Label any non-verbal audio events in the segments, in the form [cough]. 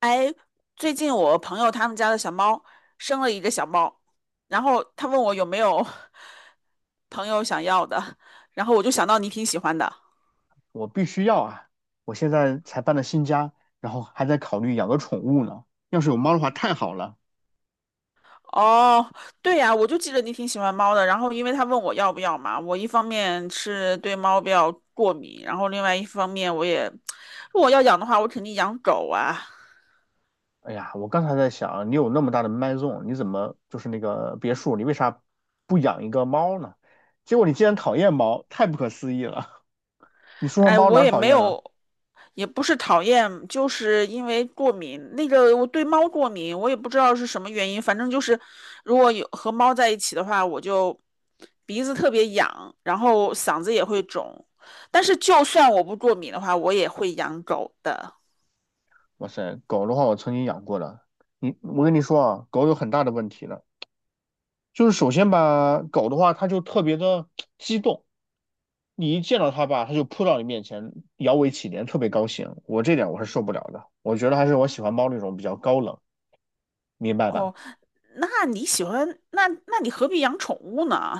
哎，最近我朋友他们家的小猫生了一个小猫，然后他问我有没有 [laughs] 朋友想要的，然后我就想到你挺喜欢的。我必须要啊！我现在才搬了新家，然后还在考虑养个宠物呢。要是有猫的话，太好了。哦，对呀，我就记得你挺喜欢猫的。然后因为他问我要不要嘛，我一方面是对猫比较过敏，然后另外一方面我也，如果要养的话，我肯定养狗啊。哎呀，我刚才在想，你有那么大的麦种，你怎么就是那个别墅，你为啥不养一个猫呢？结果你竟然讨厌猫，太不可思议了！[laughs] 你说说哎，猫我哪儿也讨没厌了？有，也不是讨厌，就是因为过敏。那个我对猫过敏，我也不知道是什么原因，反正就是如果有和猫在一起的话，我就鼻子特别痒，然后嗓子也会肿。但是就算我不过敏的话，我也会养狗的。哇塞，狗的话我曾经养过了，我跟你说啊，狗有很大的问题了。就是首先吧，狗的话，它就特别的激动，你一见到它吧，它就扑到你面前，摇尾乞怜，特别高兴。我这点我是受不了的，我觉得还是我喜欢猫那种比较高冷，明白吧？哦。那你喜欢那你何必养宠物呢？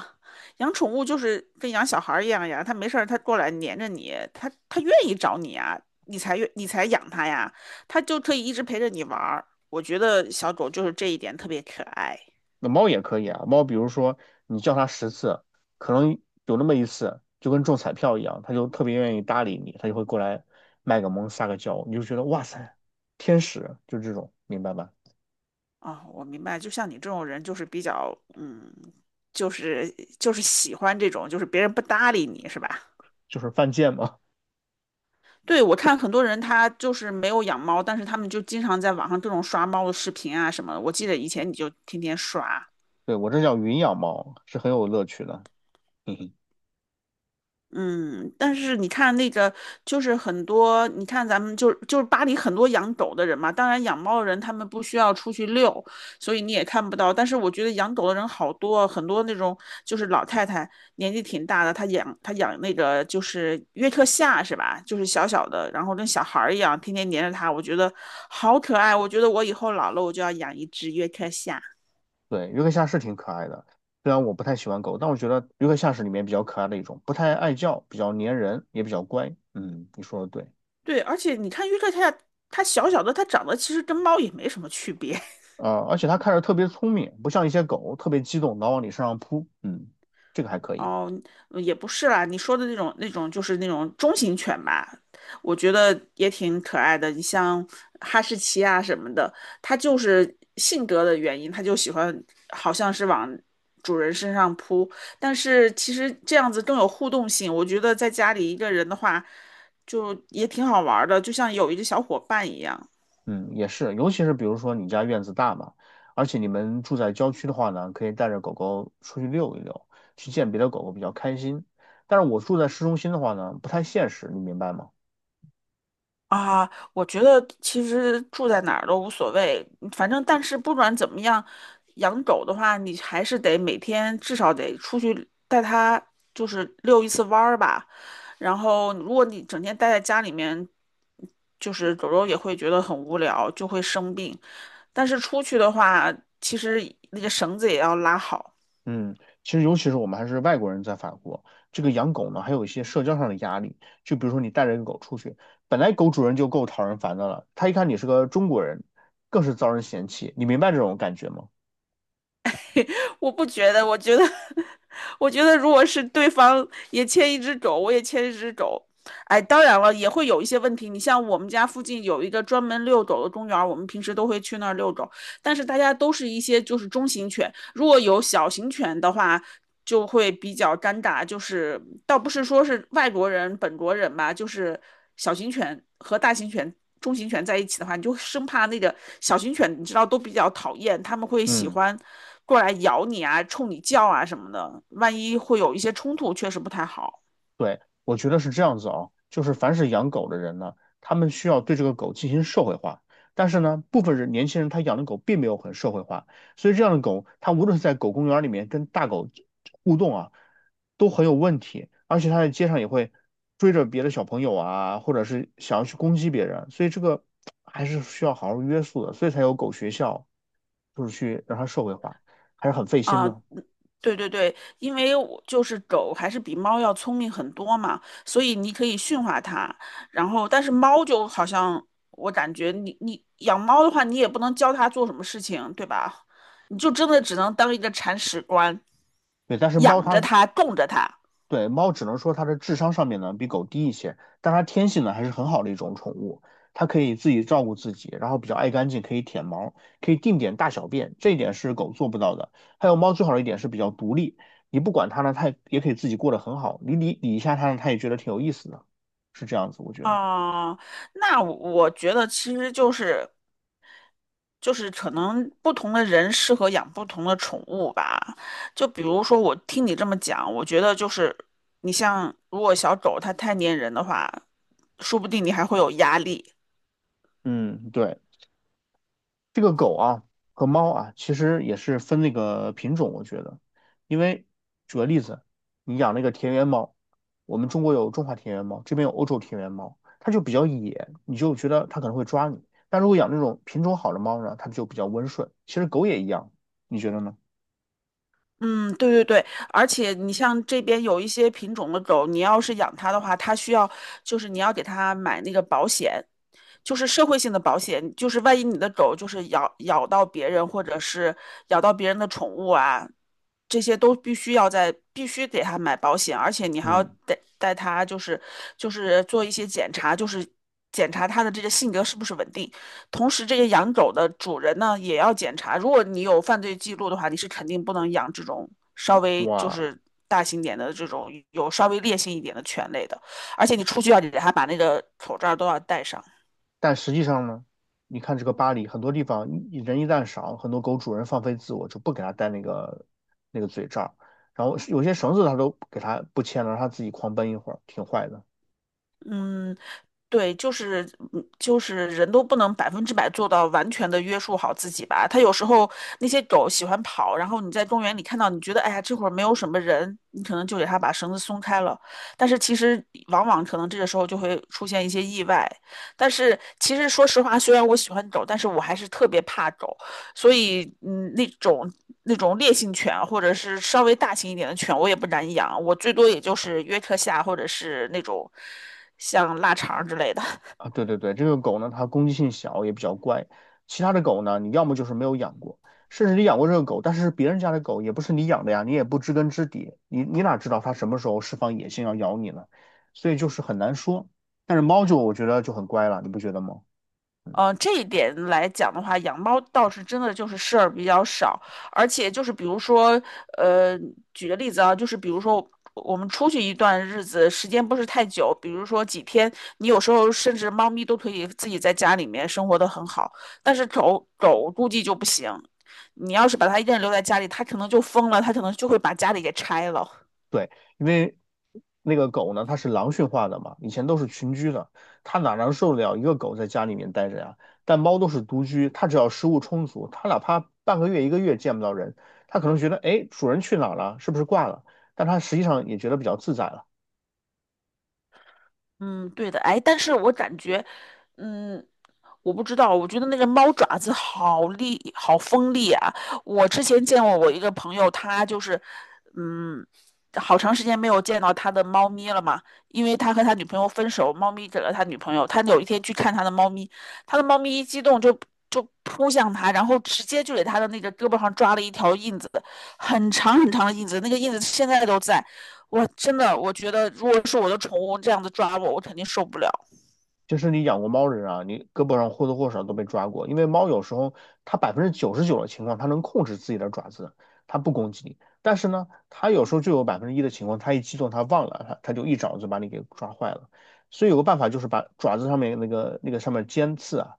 养宠物就是跟养小孩儿一样呀，它没事儿它过来黏着你，它愿意找你啊，你才养它呀，它就可以一直陪着你玩儿。我觉得小狗就是这一点特别可爱。那猫也可以啊，猫比如说你叫它10次，可能有那么一次就跟中彩票一样，它就特别愿意搭理你，它就会过来卖个萌撒个娇，你就觉得哇塞，天使就这种，明白吧？啊，我明白，就像你这种人就是比较就是喜欢这种，就是别人不搭理你是吧？就是犯贱嘛。对，我看很多人他就是没有养猫，但是他们就经常在网上各种刷猫的视频啊什么的。我记得以前你就天天刷，[laughs] 对，我这叫云养猫，是很有乐趣的。嗯，但是你看那个，就是很多，你看咱们就是巴黎很多养狗的人嘛，当然养猫的人他们不需要出去遛，所以你也看不到。但是我觉得养狗的人好多，很多那种就是老太太年纪挺大的，她养那个就是约克夏是吧？就是小小的，然后跟小孩儿一样，天天黏着它，我觉得好可爱。我觉得我以后老了，我就要养一只约克夏。对，约克夏是挺可爱的，虽然我不太喜欢狗，但我觉得约克夏是里面比较可爱的一种，不太爱叫，比较粘人，也比较乖。嗯，你说的对。对，而且你看约克夏，它小小的，它长得其实跟猫也没什么区别。而且它看着特别聪明，不像一些狗特别激动，老往你身上扑。嗯，这个还可以。哦，也不是啦，你说的那种就是那种中型犬吧，我觉得也挺可爱的。你像哈士奇啊什么的，它就是性格的原因，它就喜欢好像是往主人身上扑。但是其实这样子更有互动性，我觉得在家里一个人的话，就也挺好玩儿的，就像有一个小伙伴一样。嗯，也是，尤其是比如说你家院子大嘛，而且你们住在郊区的话呢，可以带着狗狗出去溜一溜，去见别的狗狗比较开心。但是我住在市中心的话呢，不太现实，你明白吗？啊，我觉得其实住在哪儿都无所谓，反正但是不管怎么样，养狗的话，你还是得每天至少得出去带它，就是遛一次弯儿吧。然后，如果你整天待在家里面，就是狗狗也会觉得很无聊，就会生病。但是出去的话，其实那个绳子也要拉好。嗯，其实尤其是我们还是外国人在法国，这个养狗呢，还有一些社交上的压力。就比如说你带着一个狗出去，本来狗主人就够讨人烦的了，他一看你是个中国人，更是遭人嫌弃。你明白这种感觉吗？我不觉得，我觉得，[laughs] 我觉得如果是对方也牵一只狗，我也牵一只狗，哎，当然了，也会有一些问题。你像我们家附近有一个专门遛狗的公园儿，我们平时都会去那儿遛狗。但是大家都是一些就是中型犬，如果有小型犬的话，就会比较尴尬。就是倒不是说是外国人、本国人吧，就是小型犬和大型犬、中型犬在一起的话，你就生怕那个小型犬，你知道都比较讨厌，他们会喜嗯。欢过来咬你啊、冲你叫啊什么的，万一会有一些冲突，确实不太好。对，我觉得是这样子啊，就是凡是养狗的人呢，他们需要对这个狗进行社会化。但是呢，部分人年轻人他养的狗并没有很社会化，所以这样的狗，它无论是在狗公园里面跟大狗互动啊，都很有问题，而且它在街上也会追着别的小朋友啊，或者是想要去攻击别人，所以这个还是需要好好约束的，所以才有狗学校，就是去让它社会化，还是很费心啊，呢。对对对，因为我就是狗还是比猫要聪明很多嘛，所以你可以驯化它。然后，但是猫就好像我感觉你养猫的话，你也不能教它做什么事情，对吧？你就真的只能当一个铲屎官，对，但是猫养着它它，供着它。对，猫只能说它的智商上面呢比狗低一些，但它天性呢还是很好的一种宠物，它可以自己照顾自己，然后比较爱干净，可以舔毛，可以定点大小便，这一点是狗做不到的。还有猫最好的一点是比较独立，你不管它呢，它也可以自己过得很好，你理理一下它呢，它也觉得挺有意思的，是这样子，我觉得。啊、那我觉得其实就是。就是可能不同的人适合养不同的宠物吧。就比如说，我听你这么讲，我觉得就是你像如果小狗它太粘人的话，说不定你还会有压力。嗯，对。这个狗啊和猫啊，其实也是分那个品种，我觉得，因为举个例子，你养那个田园猫，我们中国有中华田园猫，这边有欧洲田园猫，它就比较野，你就觉得它可能会抓你。但如果养那种品种好的猫呢，它就比较温顺。其实狗也一样，你觉得呢？嗯，对对对，而且你像这边有一些品种的狗，你要是养它的话，它需要就是你要给它买那个保险，就是社会性的保险，就是万一你的狗就是咬到别人或者是咬到别人的宠物啊，这些都必须要在必须给他买保险，而且你还要嗯，带他就是做一些检查，就是检查他的这个性格是不是稳定。同时，这个养狗的主人呢也要检查，如果你有犯罪记录的话，你是肯定不能养这种稍微就哇，是大型点的这种有稍微烈性一点的犬类的，而且你出去要给他把那个口罩都要戴上。但实际上呢，你看这个巴黎很多地方一人一旦少，很多狗主人放飞自我，就不给它戴那个嘴罩，然后有些绳子它都给它不牵了，让它自己狂奔一会儿，挺坏的嗯，对，就是就是人都不能百分之百做到完全的约束好自己吧。它有时候那些狗喜欢跑，然后你在公园里看到，你觉得哎呀这会儿没有什么人，你可能就给它把绳子松开了。但是其实往往可能这个时候就会出现一些意外。但是其实说实话，虽然我喜欢狗，但是我还是特别怕狗。所以嗯，那种烈性犬或者是稍微大型一点的犬，我也不敢养，我最多也就是约克夏或者是那种像腊肠之类的。啊。对对对，这个狗呢，它攻击性小，也比较乖。其他的狗呢，你要么就是没有养过，甚至你养过这个狗，但是别人家的狗也不是你养的呀，你也不知根知底，你哪知道它什么时候释放野性要咬你呢？所以就是很难说。但是猫就我觉得就很乖了，你不觉得吗？嗯、这一点来讲的话，养猫倒是真的就是事儿比较少，而且就是比如说，呃，举个例子啊，就是比如说我们出去一段日子，时间不是太久，比如说几天，你有时候甚至猫咪都可以自己在家里面生活的很好，但是狗狗估计就不行，你要是把它一个人留在家里，它可能就疯了，它可能就会把家里给拆了。对，因为那个狗呢，它是狼驯化的嘛，以前都是群居的，它哪能受得了一个狗在家里面待着呀？但猫都是独居，它只要食物充足，它哪怕半个月、一个月见不到人，它可能觉得，哎，主人去哪儿了？是不是挂了？但它实际上也觉得比较自在了。嗯，对的，哎，但是我感觉，嗯，我不知道，我觉得那个猫爪子好利，好锋利啊！我之前见过我一个朋友，他就是，嗯，好长时间没有见到他的猫咪了嘛，因为他和他女朋友分手，猫咪给了他女朋友，他有一天去看他的猫咪，他的猫咪一激动就扑向他，然后直接就给他的那个胳膊上抓了一条印子，很长很长的印子，那个印子现在都在。我真的，我觉得如果是我的宠物这样子抓我，我肯定受不了，就是你养过猫的人啊，你胳膊上或多或少都被抓过，因为猫有时候它99%的情况，它能控制自己的爪子，它不攻击你。但是呢，它有时候就有1%的情况，它一激动，它忘了，它就一爪子把你给抓坏了。所以有个办法就是把爪子上面那个上面尖刺啊，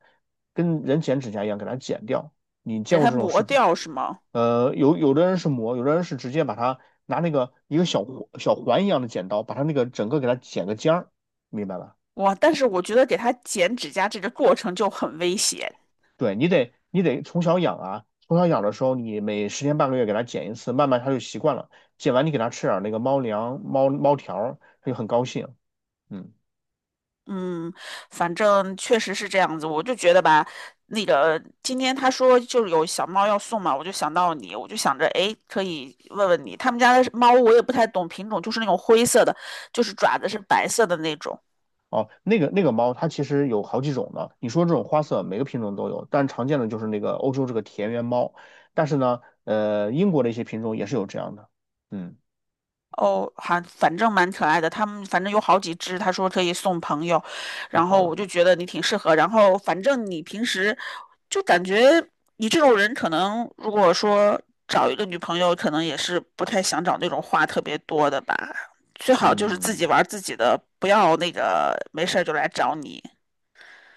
跟人剪指甲一样给它剪掉。你见给过它这种视磨频？掉是吗？有的人是磨，有的人是直接把它拿那个一个小环一样的剪刀，把它那个整个给它剪个尖儿，明白吧？哇，但是我觉得给它剪指甲这个过程就很危险，对，你得从小养啊，从小养的时候，你每10天半个月给它剪一次，慢慢它就习惯了。剪完你给它吃点儿那个猫粮、猫猫条儿它就很高兴。嗯，嗯，反正确实是这样子，我就觉得吧，那个今天他说就是有小猫要送嘛，我就想到你，我就想着，哎，可以问问你，他们家的猫我也不太懂品种，就是那种灰色的，就是爪子是白色的那种。哦，那个猫它其实有好几种的，你说这种花色每个品种都有，但常见的就是那个欧洲这个田园猫。但是呢，英国的一些品种也是有这样的。嗯，哦，还反正蛮可爱的。他们反正有好几只，他说可以送朋友，太然好后了。我就觉得你挺适合。然后反正你平时就感觉你这种人，可能如果说找一个女朋友，可能也是不太想找那种话特别多的吧。最好就是自己嗯，玩儿自己的，不要那个没事儿就来找你。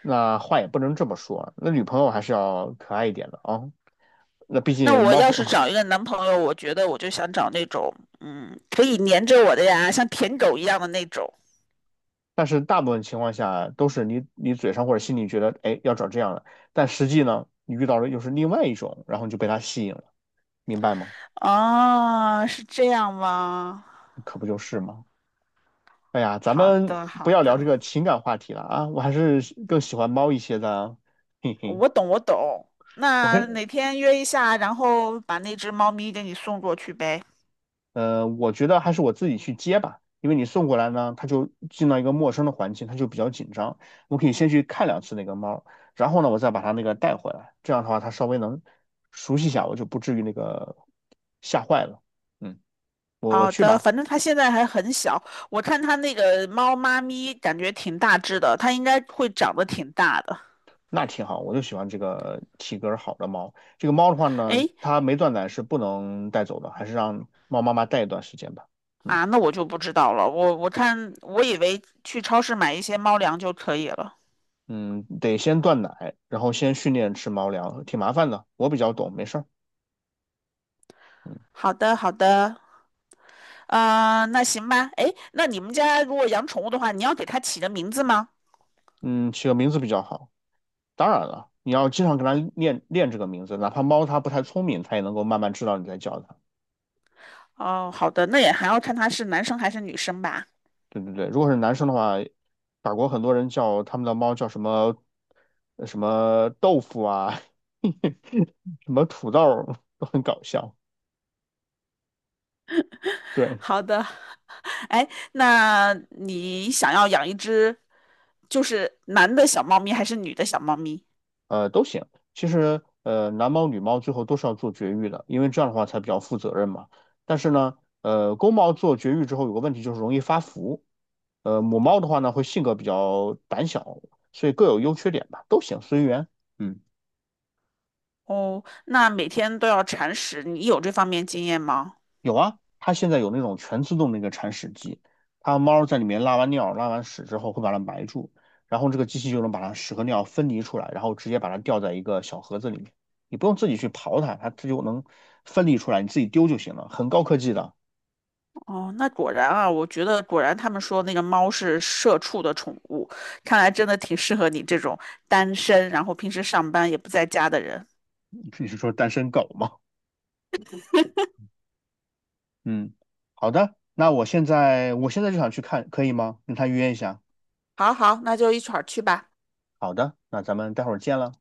那话也不能这么说啊那女朋友还是要可爱一点的啊。那毕那竟我猫要是和 [laughs] 找一个男朋友，我觉得我就想找那种，嗯，可以黏着我的呀，像舔狗一样的那种。但是大部分情况下都是你嘴上或者心里觉得，哎，要找这样的，但实际呢，你遇到的又是另外一种，然后你就被他吸引了，明白吗？哦，是这样吗？可不就是吗？哎呀，咱好们的，不好要聊这的，个情感话题了啊，我还是更喜欢猫一些的啊嘿嘿。我懂，我懂。我那跟哪天约一下，然后把那只猫咪给你送过去呗。我觉得还是我自己去接吧，因为你送过来呢，它就进到一个陌生的环境，它就比较紧张。我可以先去看2次那个猫，然后呢，我再把它那个带回来，这样的话它稍微能熟悉一下，我就不至于那个吓坏了。嗯，我好去的，吧，反正它现在还很小，我看它那个猫妈咪感觉挺大只的，它应该会长得挺大的。那挺好，我就喜欢这个体格儿好的猫。这个猫的话呢，哎，它没断奶是不能带走的，还是让猫妈妈带一段时间吧。嗯啊，那我就不知道了。我我以为去超市买一些猫粮就可以了。嗯，得先断奶，然后先训练吃猫粮，挺麻烦的，我比较懂，没事儿。嗯好的，好的，那行吧。哎，那你们家如果养宠物的话，你要给它起个名字吗？嗯，起个名字比较好。当然了，你要经常跟它练练这个名字，哪怕猫它不太聪明，它也能够慢慢知道你在叫它。哦，好的，那也还要看它是男生还是女生吧。对对对，如果是男生的话，法国很多人叫他们的猫叫什么什么豆腐啊，[laughs] 什么土豆儿都很搞笑。对，好的，[laughs] 哎，那你想要养一只，就是男的小猫咪还是女的小猫咪？都行。其实，男猫女猫最后都是要做绝育的，因为这样的话才比较负责任嘛。但是呢，公猫做绝育之后有个问题就是容易发福，母猫的话呢，会性格比较胆小，所以各有优缺点吧，都行，随缘。嗯，哦，那每天都要铲屎，你有这方面经验吗？有啊，它现在有那种全自动的一个铲屎机，它猫在里面拉完尿、拉完屎之后，会把它埋住，然后这个机器就能把它屎和尿分离出来，然后直接把它吊在一个小盒子里面，你不用自己去刨它，它就能分离出来，你自己丢就行了，很高科技的。哦，那果然啊，我觉得果然他们说那个猫是社畜的宠物，看来真的挺适合你这种单身，然后平时上班也不在家的人。你是说单身狗吗？[laughs] 嗯，好的，那我现在就想去看，可以吗？跟他约一下。好好，那就一块去吧。好的，那咱们待会儿见了。